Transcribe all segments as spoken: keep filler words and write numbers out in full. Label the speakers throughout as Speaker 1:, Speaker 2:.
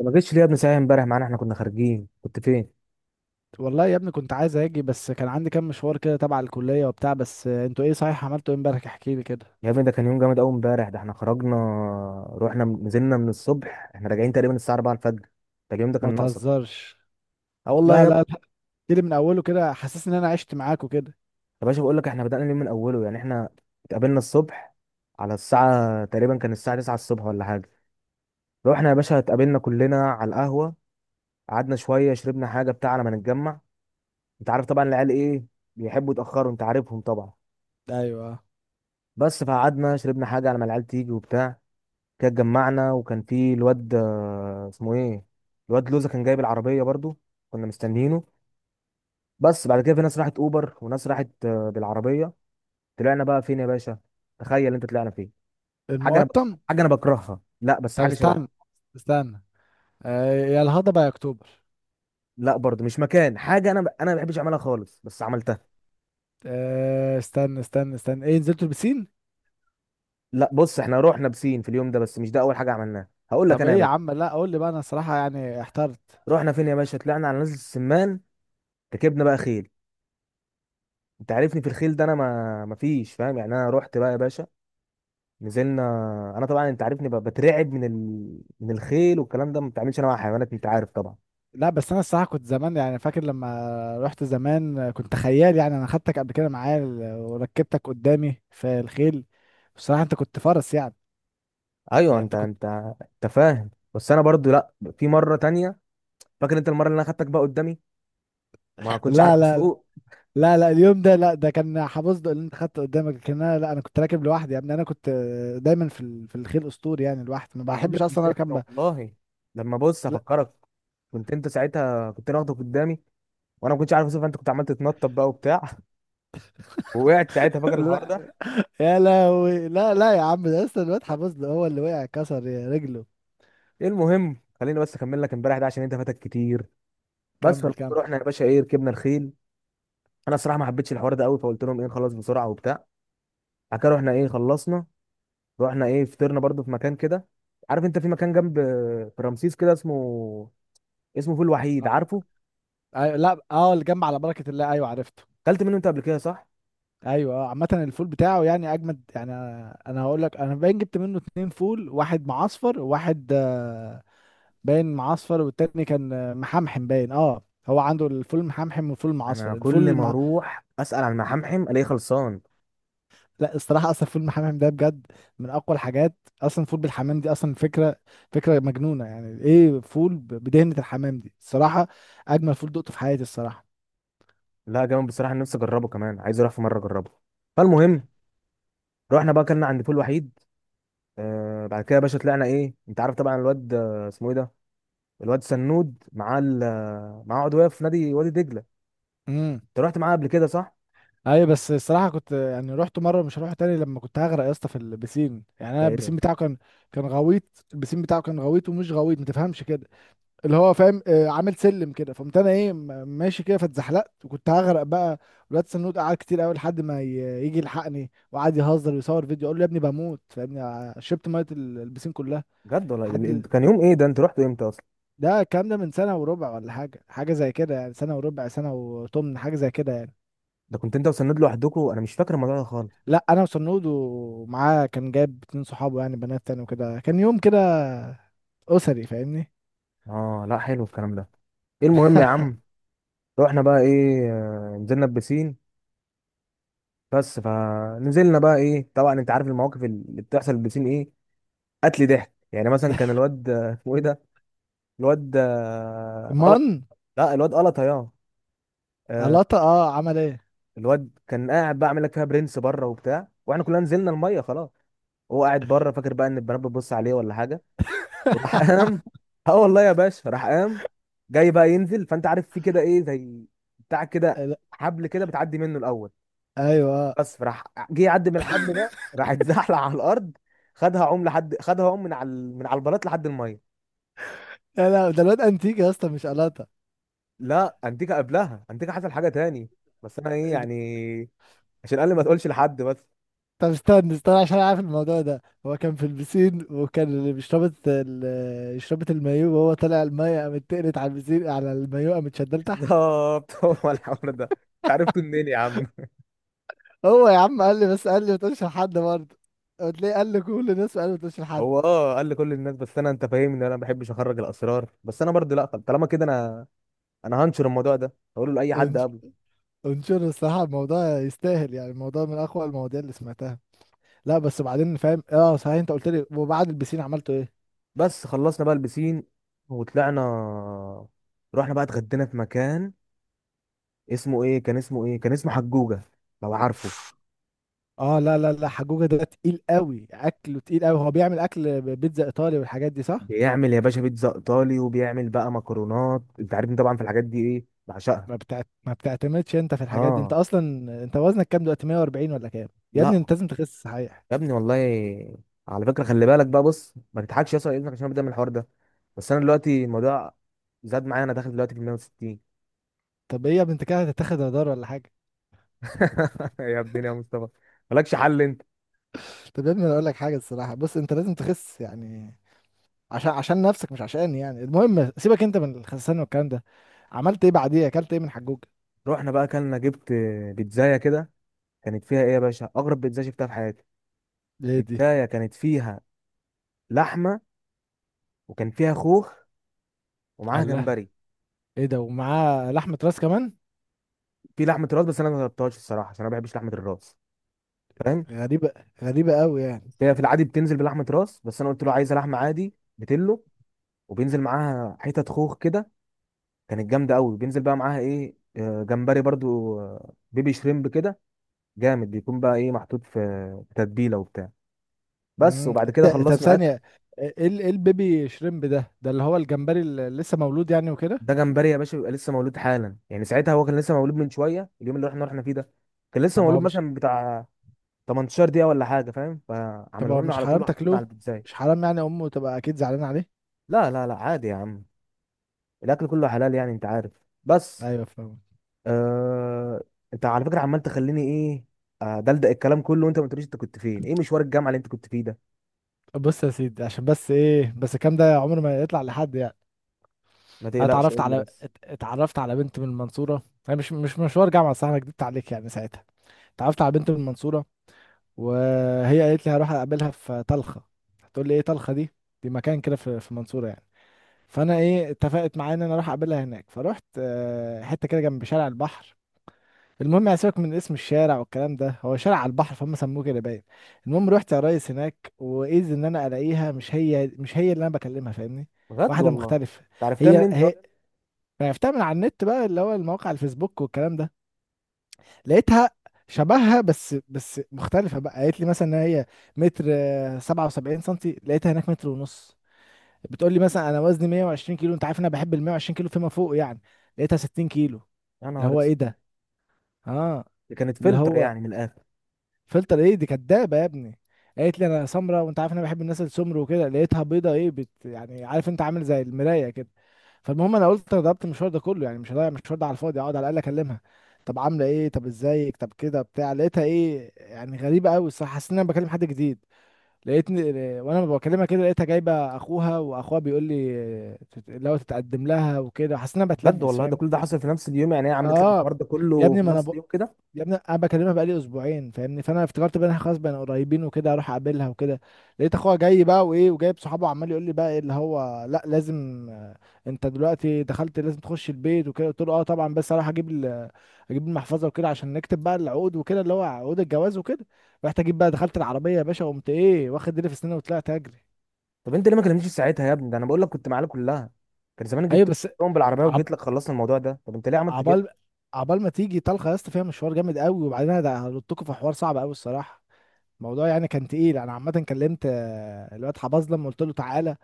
Speaker 1: ما جيتش ليه يا ابني ساعه امبارح معانا، احنا كنا خارجين، كنت فين؟
Speaker 2: والله يا ابني، كنت عايز اجي بس كان عندي كام مشوار كده تبع الكلية وبتاع. بس انتوا ايه صحيح؟ عملتوا ايه امبارح؟ احكي لي كده.
Speaker 1: يا ابني ده كان يوم جامد قوي امبارح. ده احنا خرجنا، رحنا نزلنا من الصبح، احنا راجعين تقريبا الساعه أربعة الفجر. ده اليوم ده
Speaker 2: ما
Speaker 1: كان ناقصك.
Speaker 2: تهزرش.
Speaker 1: اه والله
Speaker 2: لا
Speaker 1: يا
Speaker 2: لا لا،
Speaker 1: ابني.
Speaker 2: احكي لي من اوله كده، حاسس ان انا عشت معاكوا كده.
Speaker 1: يا باشا بقول لك احنا بدأنا اليوم من اوله، يعني احنا اتقابلنا الصبح على الساعه، تقريبا كان الساعه تسعة الصبح ولا حاجه. رحنا يا باشا اتقابلنا كلنا على القهوه، قعدنا شويه شربنا حاجه بتاع على ما نتجمع. انت عارف طبعا العيال ايه، بيحبوا يتاخروا، انت عارفهم طبعا.
Speaker 2: ايوه.
Speaker 1: بس فقعدنا شربنا حاجه على ما العيال تيجي وبتاع. كده اتجمعنا، وكان في الواد آه، اسمه ايه، الواد لوزة، كان جايب العربية برضو، كنا مستنيينه. بس بعد كده في ناس راحت اوبر وناس راحت آه، بالعربية. طلعنا بقى فين يا باشا؟ تخيل انت طلعنا فين. حاجة انا بك...
Speaker 2: المقطم.
Speaker 1: حاجة انا بكرهها، لا بس
Speaker 2: طب
Speaker 1: حاجة شبهها.
Speaker 2: استنى استنى. آه، يا الهضبة يا اكتوبر.
Speaker 1: لا برضو مش مكان حاجة انا ب... انا ما بحبش اعملها خالص، بس عملتها.
Speaker 2: آه، استنى استنى استنى ايه، نزلتوا البسين؟
Speaker 1: لا بص، احنا رحنا بسين في اليوم ده، بس مش ده اول حاجة عملناها، هقول لك
Speaker 2: طب
Speaker 1: انا
Speaker 2: ايه
Speaker 1: يا
Speaker 2: يا
Speaker 1: باشا.
Speaker 2: عم؟ لا قول لي بقى، انا الصراحة يعني احترت.
Speaker 1: رحنا فين يا باشا؟ طلعنا على نزلة السمان، ركبنا بقى خيل. انت عارفني في الخيل ده، انا ما ما فيش فاهم يعني. انا رحت بقى يا باشا، نزلنا. انا طبعا انت عارفني ب- بترعب من ال... من الخيل والكلام ده، ما بتعملش انا مع حيوانات، انت عارف طبعا.
Speaker 2: لا بس انا الصراحه كنت زمان يعني فاكر لما رحت زمان كنت خيال، يعني انا خدتك قبل كده معايا ال- وركبتك قدامي في الخيل. بصراحه انت كنت فرس يعني.
Speaker 1: ايوه،
Speaker 2: يعني
Speaker 1: انت
Speaker 2: انت كنت
Speaker 1: انت انت فاهم، بس انا برضو لا. في مره تانية، فاكر انت المره اللي انا خدتك بقى قدامي وما كنتش
Speaker 2: لا لا
Speaker 1: عارف
Speaker 2: لا.
Speaker 1: اسوق؟
Speaker 2: لا، لا اليوم ده لا، ده كان حبصده اللي انت خدته قدامك، لكن انا لا، انا كنت راكب لوحدي يا ابني. انا كنت دايما في ال- في الخيل اسطوري، يعني لوحدي ما
Speaker 1: انا
Speaker 2: بحبش
Speaker 1: كنت
Speaker 2: اصلا
Speaker 1: انت،
Speaker 2: اركب ب-
Speaker 1: والله لما بص
Speaker 2: لا.
Speaker 1: افكرك، كنت انت ساعتها، كنت انا واخدك قدامي، وانا ما كنتش عارف اسوق، فانت كنت عمال تتنطط بقى وبتاع ووقعت ساعتها، فاكر الحوار ده؟
Speaker 2: لا، يا لهوي. لا لا يا عم، ده لسه الواد حبصده هو اللي وقع كسر رجله.
Speaker 1: إيه المهم، خليني بس اكمل لك امبارح ده عشان انت فاتك كتير. بس فلما
Speaker 2: كمل كمل.
Speaker 1: رحنا يا باشا، ايه، ركبنا الخيل. انا الصراحه ما حبيتش الحوار ده قوي، فقلت لهم ايه، نخلص بسرعه وبتاع. بعد كده رحنا ايه، خلصنا، رحنا ايه، فطرنا برضو في مكان كده. عارف انت في مكان جنب، في رمسيس كده، اسمه اسمه فول
Speaker 2: أ-
Speaker 1: وحيد، عارفه؟
Speaker 2: أيوة. لا اه، اللي جنب على بركه الله، ايوه عرفته.
Speaker 1: اكلت منه انت قبل كده، صح؟
Speaker 2: ايوه. آه، عامة الفول بتاعه يعني اجمد، يعني انا أنا هقول لك، انا باين جبت منه اتنين فول، واحد معصفر وواحد آه، باين معصفر، والتاني كان آه، محمحم باين. اه، هو عنده الفول المحمحم والفول
Speaker 1: انا
Speaker 2: المعصفر، الفول
Speaker 1: كل ما
Speaker 2: الم...
Speaker 1: اروح اسال عن محمحم الاقيه خلصان.
Speaker 2: لا الصراحة اصلا الفول المحمحم ده بجد من اقوى الحاجات. اصلا الفول بالحمام دي اصلا فكرة، فكرة مجنونة. يعني ايه فول ب- بدهنة الحمام دي؟ الصراحة اجمل فول دقته في حياتي الصراحة.
Speaker 1: لا جامد بصراحه، أنا نفسي اجربه كمان، عايز اروح في مره اجربه. فالمهم، رحنا بقى اكلنا عند فول وحيد. آه، بعد كده يا باشا طلعنا ايه، انت عارف طبعا الواد آه، اسمه ايه ده، الواد سنود، معاه ال- معاه عضويه في نادي وادي دجله. انت رحت معاه قبل كده، صح؟
Speaker 2: ايوه بس الصراحه كنت يعني رحت مره مش هروح تاني، لما كنت هغرق يا اسطى في البسين. يعني
Speaker 1: ده
Speaker 2: انا
Speaker 1: ايه ده؟
Speaker 2: البسين بتاعه كان كان غويط. البسين بتاعه كان غويط ومش غويط، ما تفهمش كده. اللي هو فاهم، آه، عامل سلم كده، فقمت انا ايه، م- ماشي كده فاتزحلقت وكنت هغرق بقى. الواد سنود قعد كتير قوي لحد ما ي- يجي يلحقني، وقعد يهزر ويصور فيديو، اقول له يا ابني بموت فاهمني. ع- شربت ميه ال- البسين كلها.
Speaker 1: بجد والله ال- ال-
Speaker 2: حد.
Speaker 1: كان يوم ايه ده، انت رحتوا امتى اصلا؟
Speaker 2: ده الكلام ده من سنه وربع ولا حاجه، حاجه زي كده يعني، سنه وربع سنه وثمن حاجه زي كده يعني.
Speaker 1: ده كنت انت وسند لوحدكوا، انا مش فاكر الموضوع ده خالص.
Speaker 2: لا، انا وصنود، ومعاه كان جايب اتنين صحابه يعني بنات تاني وكده، كان يوم كده اسري فاهمني.
Speaker 1: اه لا، حلو الكلام ده. ايه المهم يا عم، رحنا بقى ايه، آه، نزلنا البسين. بس فنزلنا بقى ايه، طبعا انت عارف المواقف اللي بتحصل في البسين ايه، قتل ضحك. يعني مثلا كان الواد آه، اسمه ايه ده، الواد آه، قلط.
Speaker 2: من.
Speaker 1: لا الواد قلط يا آه،
Speaker 2: قلاطة؟ اه عمل ايه؟
Speaker 1: الواد كان قاعد بقى عامل لك فيها برنس بره وبتاع، واحنا كلنا نزلنا الميه خلاص، هو قاعد بره فاكر بقى ان البنات بتبص عليه ولا حاجه، وراح قام. اه والله يا باشا راح قام جاي بقى ينزل، فانت عارف في كده ايه، زي بتاع كده،
Speaker 2: لا،
Speaker 1: حبل كده بتعدي منه الاول.
Speaker 2: ايوه.
Speaker 1: بس فراح جه يعدي من الحبل ده، راح اتزحلق على الارض، خدها عم لحد، خدها عم من على ال- من على البلاط لحد الميه.
Speaker 2: لا لا، ده الواد انتيك يا اسطى، مش قلاطة.
Speaker 1: لا انتيكا قبلها، انتيكا حصل حاجه تاني، بس انا ايه يعني، عشان قال لي ما تقولش لحد بس.
Speaker 2: طب استنى استنى، عشان أنا عارف الموضوع ده. هو كان في البسين، وكان اللي بيشربت ال- شربت المايو، وهو طالع المايه قامت تقلت على البسين، على المايو قامت شدال تحت.
Speaker 1: بالظبط هو الحوار ده، عرفته منين يا عم؟
Speaker 2: هو يا عم قال لي، بس قال لي ما تقولش لحد برضه. قلت ليه؟ قال لي كل الناس، قال لي ما تقولش لحد.
Speaker 1: هو اه قال لي كل الناس، بس انا انت فاهمني، انا ما بحبش اخرج الاسرار، بس انا برضه لا، طب طالما كده انا انا هنشر الموضوع ده، هقوله لاي حد قبله.
Speaker 2: انشر، الصراحة الموضوع يستاهل، يعني الموضوع من أقوى المواضيع اللي سمعتها. لا بس بعدين فاهم، اه صحيح، انت قلت لي، وبعد البسين عملته ايه؟
Speaker 1: بس خلصنا بقى البسين وطلعنا، رحنا بقى اتغدينا في مكان اسمه ايه، كان اسمه ايه، كان اسمه حجوجة، لو عارفه.
Speaker 2: اه لا لا لا، حجوجة ده تقيل قوي اكله، تقيل قوي. هو بيعمل اكل بيتزا ايطالي والحاجات دي صح؟
Speaker 1: بيعمل يا باشا بيتزا ايطالي وبيعمل بقى مكرونات، انت عارفني طبعا في الحاجات دي، ايه بعشقها.
Speaker 2: ما بتعت... ما بتعتمدش انت في الحاجات دي انت
Speaker 1: اه.
Speaker 2: اصلا. انت وزنك كام دلوقتي، مية واربعين ولا كام؟ يا
Speaker 1: لا
Speaker 2: ابني انت لازم تخس صحيح.
Speaker 1: يا ابني والله، على فكرة خلي بالك بقى، بص ما تضحكش يا اسطى على اذنك، عشان بدأ من الحوار ده، بس انا دلوقتي الموضوع زاد معايا، انا داخل دلوقتي في مائة وستين.
Speaker 2: طب ايه يا ابني، انت كده هتتاخد هدار ولا حاجة؟
Speaker 1: يا ابني يا مصطفى، مالكش حل انت.
Speaker 2: طب يا ابني، انا اقول لك حاجة الصراحة، بص انت لازم تخس يعني، عشان عشان نفسك مش عشاني يعني. المهم سيبك انت من الخسسان والكلام ده. عملت ايه بعديه؟ اكلت ايه من حجوج؟
Speaker 1: رحنا بقى اكلنا، جبت بيتزاية كده، كانت فيها ايه يا باشا، اغرب بيتزاية شفتها في حياتي.
Speaker 2: ليه دي؟
Speaker 1: بيتزاية كانت فيها لحمة، وكان فيها خوخ، ومعاها
Speaker 2: قال لها.
Speaker 1: جمبري.
Speaker 2: ايه ده، ومعاه لحمه راس كمان؟
Speaker 1: في لحمة راس، بس انا ما جربتهاش الصراحة عشان انا ما بحبش لحمة الراس، فاهم.
Speaker 2: غريبه، غريبه قوي يعني.
Speaker 1: هي في العادي بتنزل بلحمة راس، بس انا قلت له عايزة لحمة عادي بتلو، وبينزل معاها حتت خوخ كده، كانت جامدة قوي. بينزل بقى معاها ايه، آه، جمبري برضو، آه، بيبي شريمب كده، جامد. بيكون بقى ايه محطوط في في تتبيلة وبتاع. بس
Speaker 2: امم
Speaker 1: وبعد
Speaker 2: إيه
Speaker 1: كده
Speaker 2: ده؟ طب
Speaker 1: خلصنا اكل.
Speaker 2: ثانيه. ايه ال- ايه البيبي شريمب ده؟ ده اللي هو الجمبري اللي لسه مولود يعني وكده؟
Speaker 1: ده جمبري يا باشا بيبقى لسه مولود حالا، يعني ساعتها هو كان لسه مولود من شويه، اليوم اللي احنا رحنا فيه ده كان لسه
Speaker 2: طب
Speaker 1: مولود
Speaker 2: هو مش
Speaker 1: مثلا بتاع تمنتاشر دقيقه ولا حاجه، فاهم،
Speaker 2: طب
Speaker 1: فعملوه
Speaker 2: هو
Speaker 1: لنا
Speaker 2: مش
Speaker 1: على طول
Speaker 2: حرام
Speaker 1: وحطوه لنا على
Speaker 2: تاكلوه؟
Speaker 1: البيتزا.
Speaker 2: مش حرام يعني؟ امه تبقى اكيد زعلانه عليه.
Speaker 1: لا لا لا عادي يا عم، الاكل كله حلال يعني، انت عارف. بس
Speaker 2: ايوه فاهم.
Speaker 1: آه... انت على فكره عمال تخليني ايه، آه، دلدق الكلام كله، وانت ما قلتليش انت كنت فين، ايه مشوار الجامعه اللي انت كنت فيه ده؟
Speaker 2: بص يا سيدي، عشان بس ايه، بس الكلام ده عمره ما يطلع لحد يعني.
Speaker 1: ما
Speaker 2: انا
Speaker 1: تقلقش،
Speaker 2: اتعرفت
Speaker 1: قول لي
Speaker 2: على
Speaker 1: بس.
Speaker 2: ات- اتعرفت على بنت من المنصوره. هي مش مش مشوار جامعه صح، انا كدبت عليك يعني ساعتها. اتعرفت على بنت من المنصوره، وهي قالت لي هروح اقابلها في طلخه. هتقول لي ايه طلخه دي؟ دي مكان كده في في المنصوره يعني. فانا ايه اتفقت معايا ان انا اروح اقابلها هناك، فرحت آه، حته كده جنب شارع البحر. المهم يعني سيبك من اسم الشارع والكلام ده، هو شارع على البحر فهم سموه كده باين. المهم رحت يا ريس هناك، واذ ان انا الاقيها مش هي مش هي اللي انا بكلمها فاهمني.
Speaker 1: بجد
Speaker 2: واحده
Speaker 1: والله
Speaker 2: مختلفه.
Speaker 1: انت عرفتها
Speaker 2: هي
Speaker 1: منين دي أصلاً؟
Speaker 2: هي. فعرفتها من على النت بقى، اللي هو المواقع الفيسبوك والكلام ده. لقيتها شبهها، بس بس مختلفة بقى. قالت لي مثلا ان هي متر آه، سبعة وسبعين سنتي، لقيتها هناك متر ونص. بتقول لي مثلا انا وزني مية وعشرين كيلو، انت عارف انا بحب ال مية وعشرين كيلو فيما فوق يعني، لقيتها ستين كيلو.
Speaker 1: يا
Speaker 2: اللي
Speaker 1: نهار
Speaker 2: هو ايه
Speaker 1: اسود،
Speaker 2: ده؟ اه.
Speaker 1: دي كانت
Speaker 2: اللي
Speaker 1: فلتر
Speaker 2: هو
Speaker 1: يعني من الاخر.
Speaker 2: فلتر. ايه دي كدابه يا ابني. قالت لي انا سمراء، وانت عارف انا بحب الناس السمر وكده، لقيتها بيضه، ايه بت يعني، عارف انت، عامل زي المرايه كده. فالمهم انا قلت انا ضربت المشوار ده كله يعني، مش هضيع المشوار ده على الفاضي، اقعد على الاقل اكلمها. طب عامله ايه، طب ازيك، طب كده بتاع، لقيتها ايه يعني، غريبه قوي الصراحه، حسيت ان انا بكلم حد جديد. لقيتني وانا بكلمها كده، لقيتها جايبه اخوها، واخوها بيقول لي اللي هو تتقدم لها وكده، حسيت ان انا
Speaker 1: بجد
Speaker 2: بتلبس
Speaker 1: والله، ده
Speaker 2: فاهم.
Speaker 1: كل ده حصل في نفس اليوم، يعني هي عملت لك
Speaker 2: اه.
Speaker 1: الحوار ده
Speaker 2: يا
Speaker 1: كله
Speaker 2: ابني
Speaker 1: في
Speaker 2: ما انا
Speaker 1: نفس
Speaker 2: ب...
Speaker 1: اليوم كده؟
Speaker 2: يا ابني انا بكلمها بقالي اسبوعين فاهمني، فانا افتكرت بقى إن إحنا خلاص بقينا قريبين وكده اروح اقابلها وكده. لقيت اخوها جاي بقى، وايه وجايب صحابه، عمال يقول لي بقى ايه اللي هو لا لازم، آه، انت دلوقتي دخلت لازم تخش البيت وكده. قلت له اه طبعا، بس اروح اجيب ال- اجيب المحفظه وكده، عشان نكتب بقى العقود وكده، اللي هو عقود الجواز وكده. رحت اجيب بقى، دخلت العربيه يا باشا وقمت ايه واخد ديلي في سناني وطلعت اجري.
Speaker 1: طب انت ليه ما كلمتنيش في ساعتها يا ابني؟ ده انا بقول لك كنت معانا كلها، كان زمان
Speaker 2: ايوه
Speaker 1: جبت
Speaker 2: بس.
Speaker 1: لهم بالعربيه
Speaker 2: عب...
Speaker 1: وجيت لك خلصنا الموضوع ده، طب انت ليه عملت كده؟
Speaker 2: عبال عبال ما تيجي طلقه يا اسطى فيها مشوار جامد قوي. وبعدين انا هلطكوا في حوار صعب قوي الصراحه، الموضوع يعني كان تقيل. انا عامه كلمت آه، الواد حباظ لما قلت له تعالى،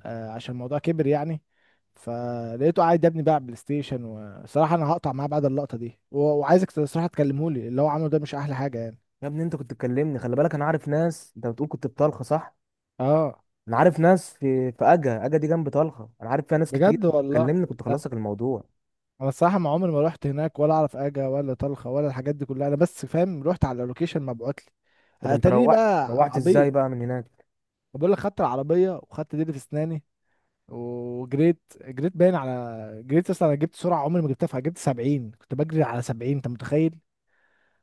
Speaker 2: آه، عشان الموضوع كبر يعني. فلقيته قاعد يا ابني بقى على بلاي ستيشن، وصراحه انا هقطع معاه بعد اللقطه دي، و- وعايزك صراحه تكلمه لي، اللي هو عمله ده مش احلى حاجه يعني.
Speaker 1: يا ابني انت كنت تكلمني، خلي بالك، انا عارف ناس، انت بتقول كنت في طلخه، صح؟
Speaker 2: اه.
Speaker 1: انا عارف ناس في في اجا اجا دي جنب طلخه، انا عارف فيها ناس كتير،
Speaker 2: بجد
Speaker 1: كنت
Speaker 2: والله.
Speaker 1: تكلمني كنت
Speaker 2: لا
Speaker 1: خلص لك الموضوع.
Speaker 2: انا الصراحه ما عمري ما رحت هناك، ولا اعرف اجا ولا طلخه ولا الحاجات دي كلها، انا بس فاهم رحت على اللوكيشن مبعوت لي.
Speaker 1: طب انت
Speaker 2: اتاريني
Speaker 1: روحت،
Speaker 2: بقى
Speaker 1: روحت
Speaker 2: عبيط.
Speaker 1: ازاي بقى من هناك؟
Speaker 2: بقول لك خدت العربيه وخدت ديلي في اسناني وجريت. جريت باين على، جريت اصلا انا جبت سرعه عمري ما جبتها فيها، جبت سبعين، كنت بجري على سبعين انت متخيل.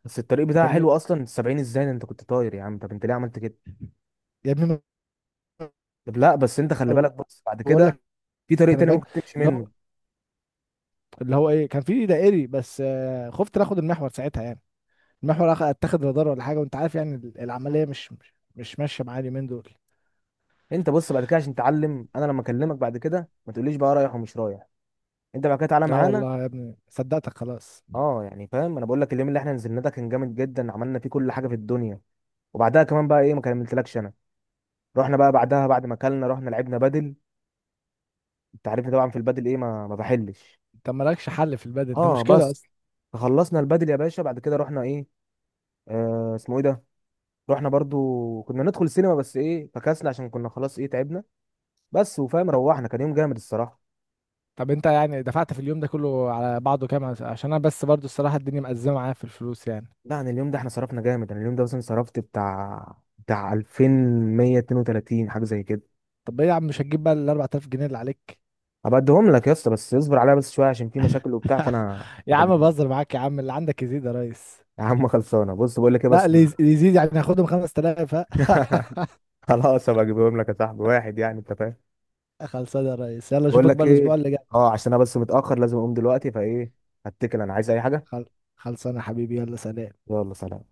Speaker 1: بس الطريق بتاعها
Speaker 2: فاهمني.
Speaker 1: حلو اصلا، سبعين ازاي ده، انت كنت طاير يا عم، طب انت ليه عملت كده؟
Speaker 2: يا ابني ما
Speaker 1: طب لا بس انت خلي بالك، بص بعد
Speaker 2: بقول
Speaker 1: كده
Speaker 2: لك
Speaker 1: في طريق
Speaker 2: انا
Speaker 1: تاني
Speaker 2: بجري،
Speaker 1: ممكن تمشي
Speaker 2: اللي
Speaker 1: منه.
Speaker 2: هو، اللي هو ايه، كان في دائري بس، آه، خفت ناخد المحور ساعتها يعني، المحور أخ- اتاخد رادار ولا حاجه، وانت عارف يعني ال- العمليه مش مش مش ماشيه معايا اليومين دول.
Speaker 1: انت بص بعد كده عشان تعلم، انا لما اكلمك بعد كده ما تقوليش بقى رايح ومش رايح، انت بعد كده تعالى
Speaker 2: لا
Speaker 1: معانا.
Speaker 2: والله يا ابني صدقتك خلاص.
Speaker 1: اه يعني فاهم، انا بقول لك اليوم اللي احنا نزلنا ده كان جامد جدا، عملنا فيه كل حاجه في الدنيا. وبعدها كمان بقى ايه، ما كملتلكش انا، رحنا بقى بعدها بعد ما اكلنا رحنا لعبنا بدل، انت عارفني طبعا في البدل ايه، ما ما بحلش.
Speaker 2: انت مالكش حل في البدن، انت
Speaker 1: اه
Speaker 2: مشكله
Speaker 1: بس،
Speaker 2: اصلا.
Speaker 1: خلصنا البدل يا باشا، بعد كده رحنا ايه، آه اسمه ايه ده، رحنا برضو كنا ندخل سينما بس ايه فكسنا عشان كنا خلاص ايه تعبنا. بس وفاهم روحنا، كان يوم جامد الصراحه.
Speaker 2: طب انت يعني دفعت في اليوم ده كله على بعضه كام؟ عشان انا بس برضو الصراحه الدنيا مأزمه معايا في الفلوس يعني.
Speaker 1: لا عن اليوم ده احنا صرفنا جامد، انا اليوم ده مثلا صرفت بتاع بتاع ألفين ومية واتنين وتلاتين حاجه زي كده.
Speaker 2: طب ايه يا عم، مش هتجيب بقى ال اربعة الاف جنيه اللي عليك؟
Speaker 1: هبقى اديهم لك يا اسطى، بس اصبر عليا بس شويه عشان في مشاكل وبتاع، فانا
Speaker 2: يا
Speaker 1: هبقى
Speaker 2: عم
Speaker 1: اجيبهم.
Speaker 2: بهزر معاك يا عم، اللي عندك يزيد يا ريس.
Speaker 1: يا عم خلصانه، بص بقول لك ايه
Speaker 2: لا
Speaker 1: بس.
Speaker 2: اللي يز- اللي يزيد يعني هاخدهم خمسة الاف، ها.
Speaker 1: خلاص هبقى اجيبهم لك يا صاحبي، واحد يعني، انت فاهم.
Speaker 2: خلصانه يا ريس، يلا
Speaker 1: بقول
Speaker 2: اشوفك
Speaker 1: لك
Speaker 2: بقى
Speaker 1: ايه،
Speaker 2: الاسبوع اللي جاي.
Speaker 1: اه عشان انا بس متاخر، لازم اقوم دلوقتي، فايه هتكل، انا عايز اي حاجه.
Speaker 2: خل... خلصانه يا حبيبي، يلا سلام.
Speaker 1: يلا سلام.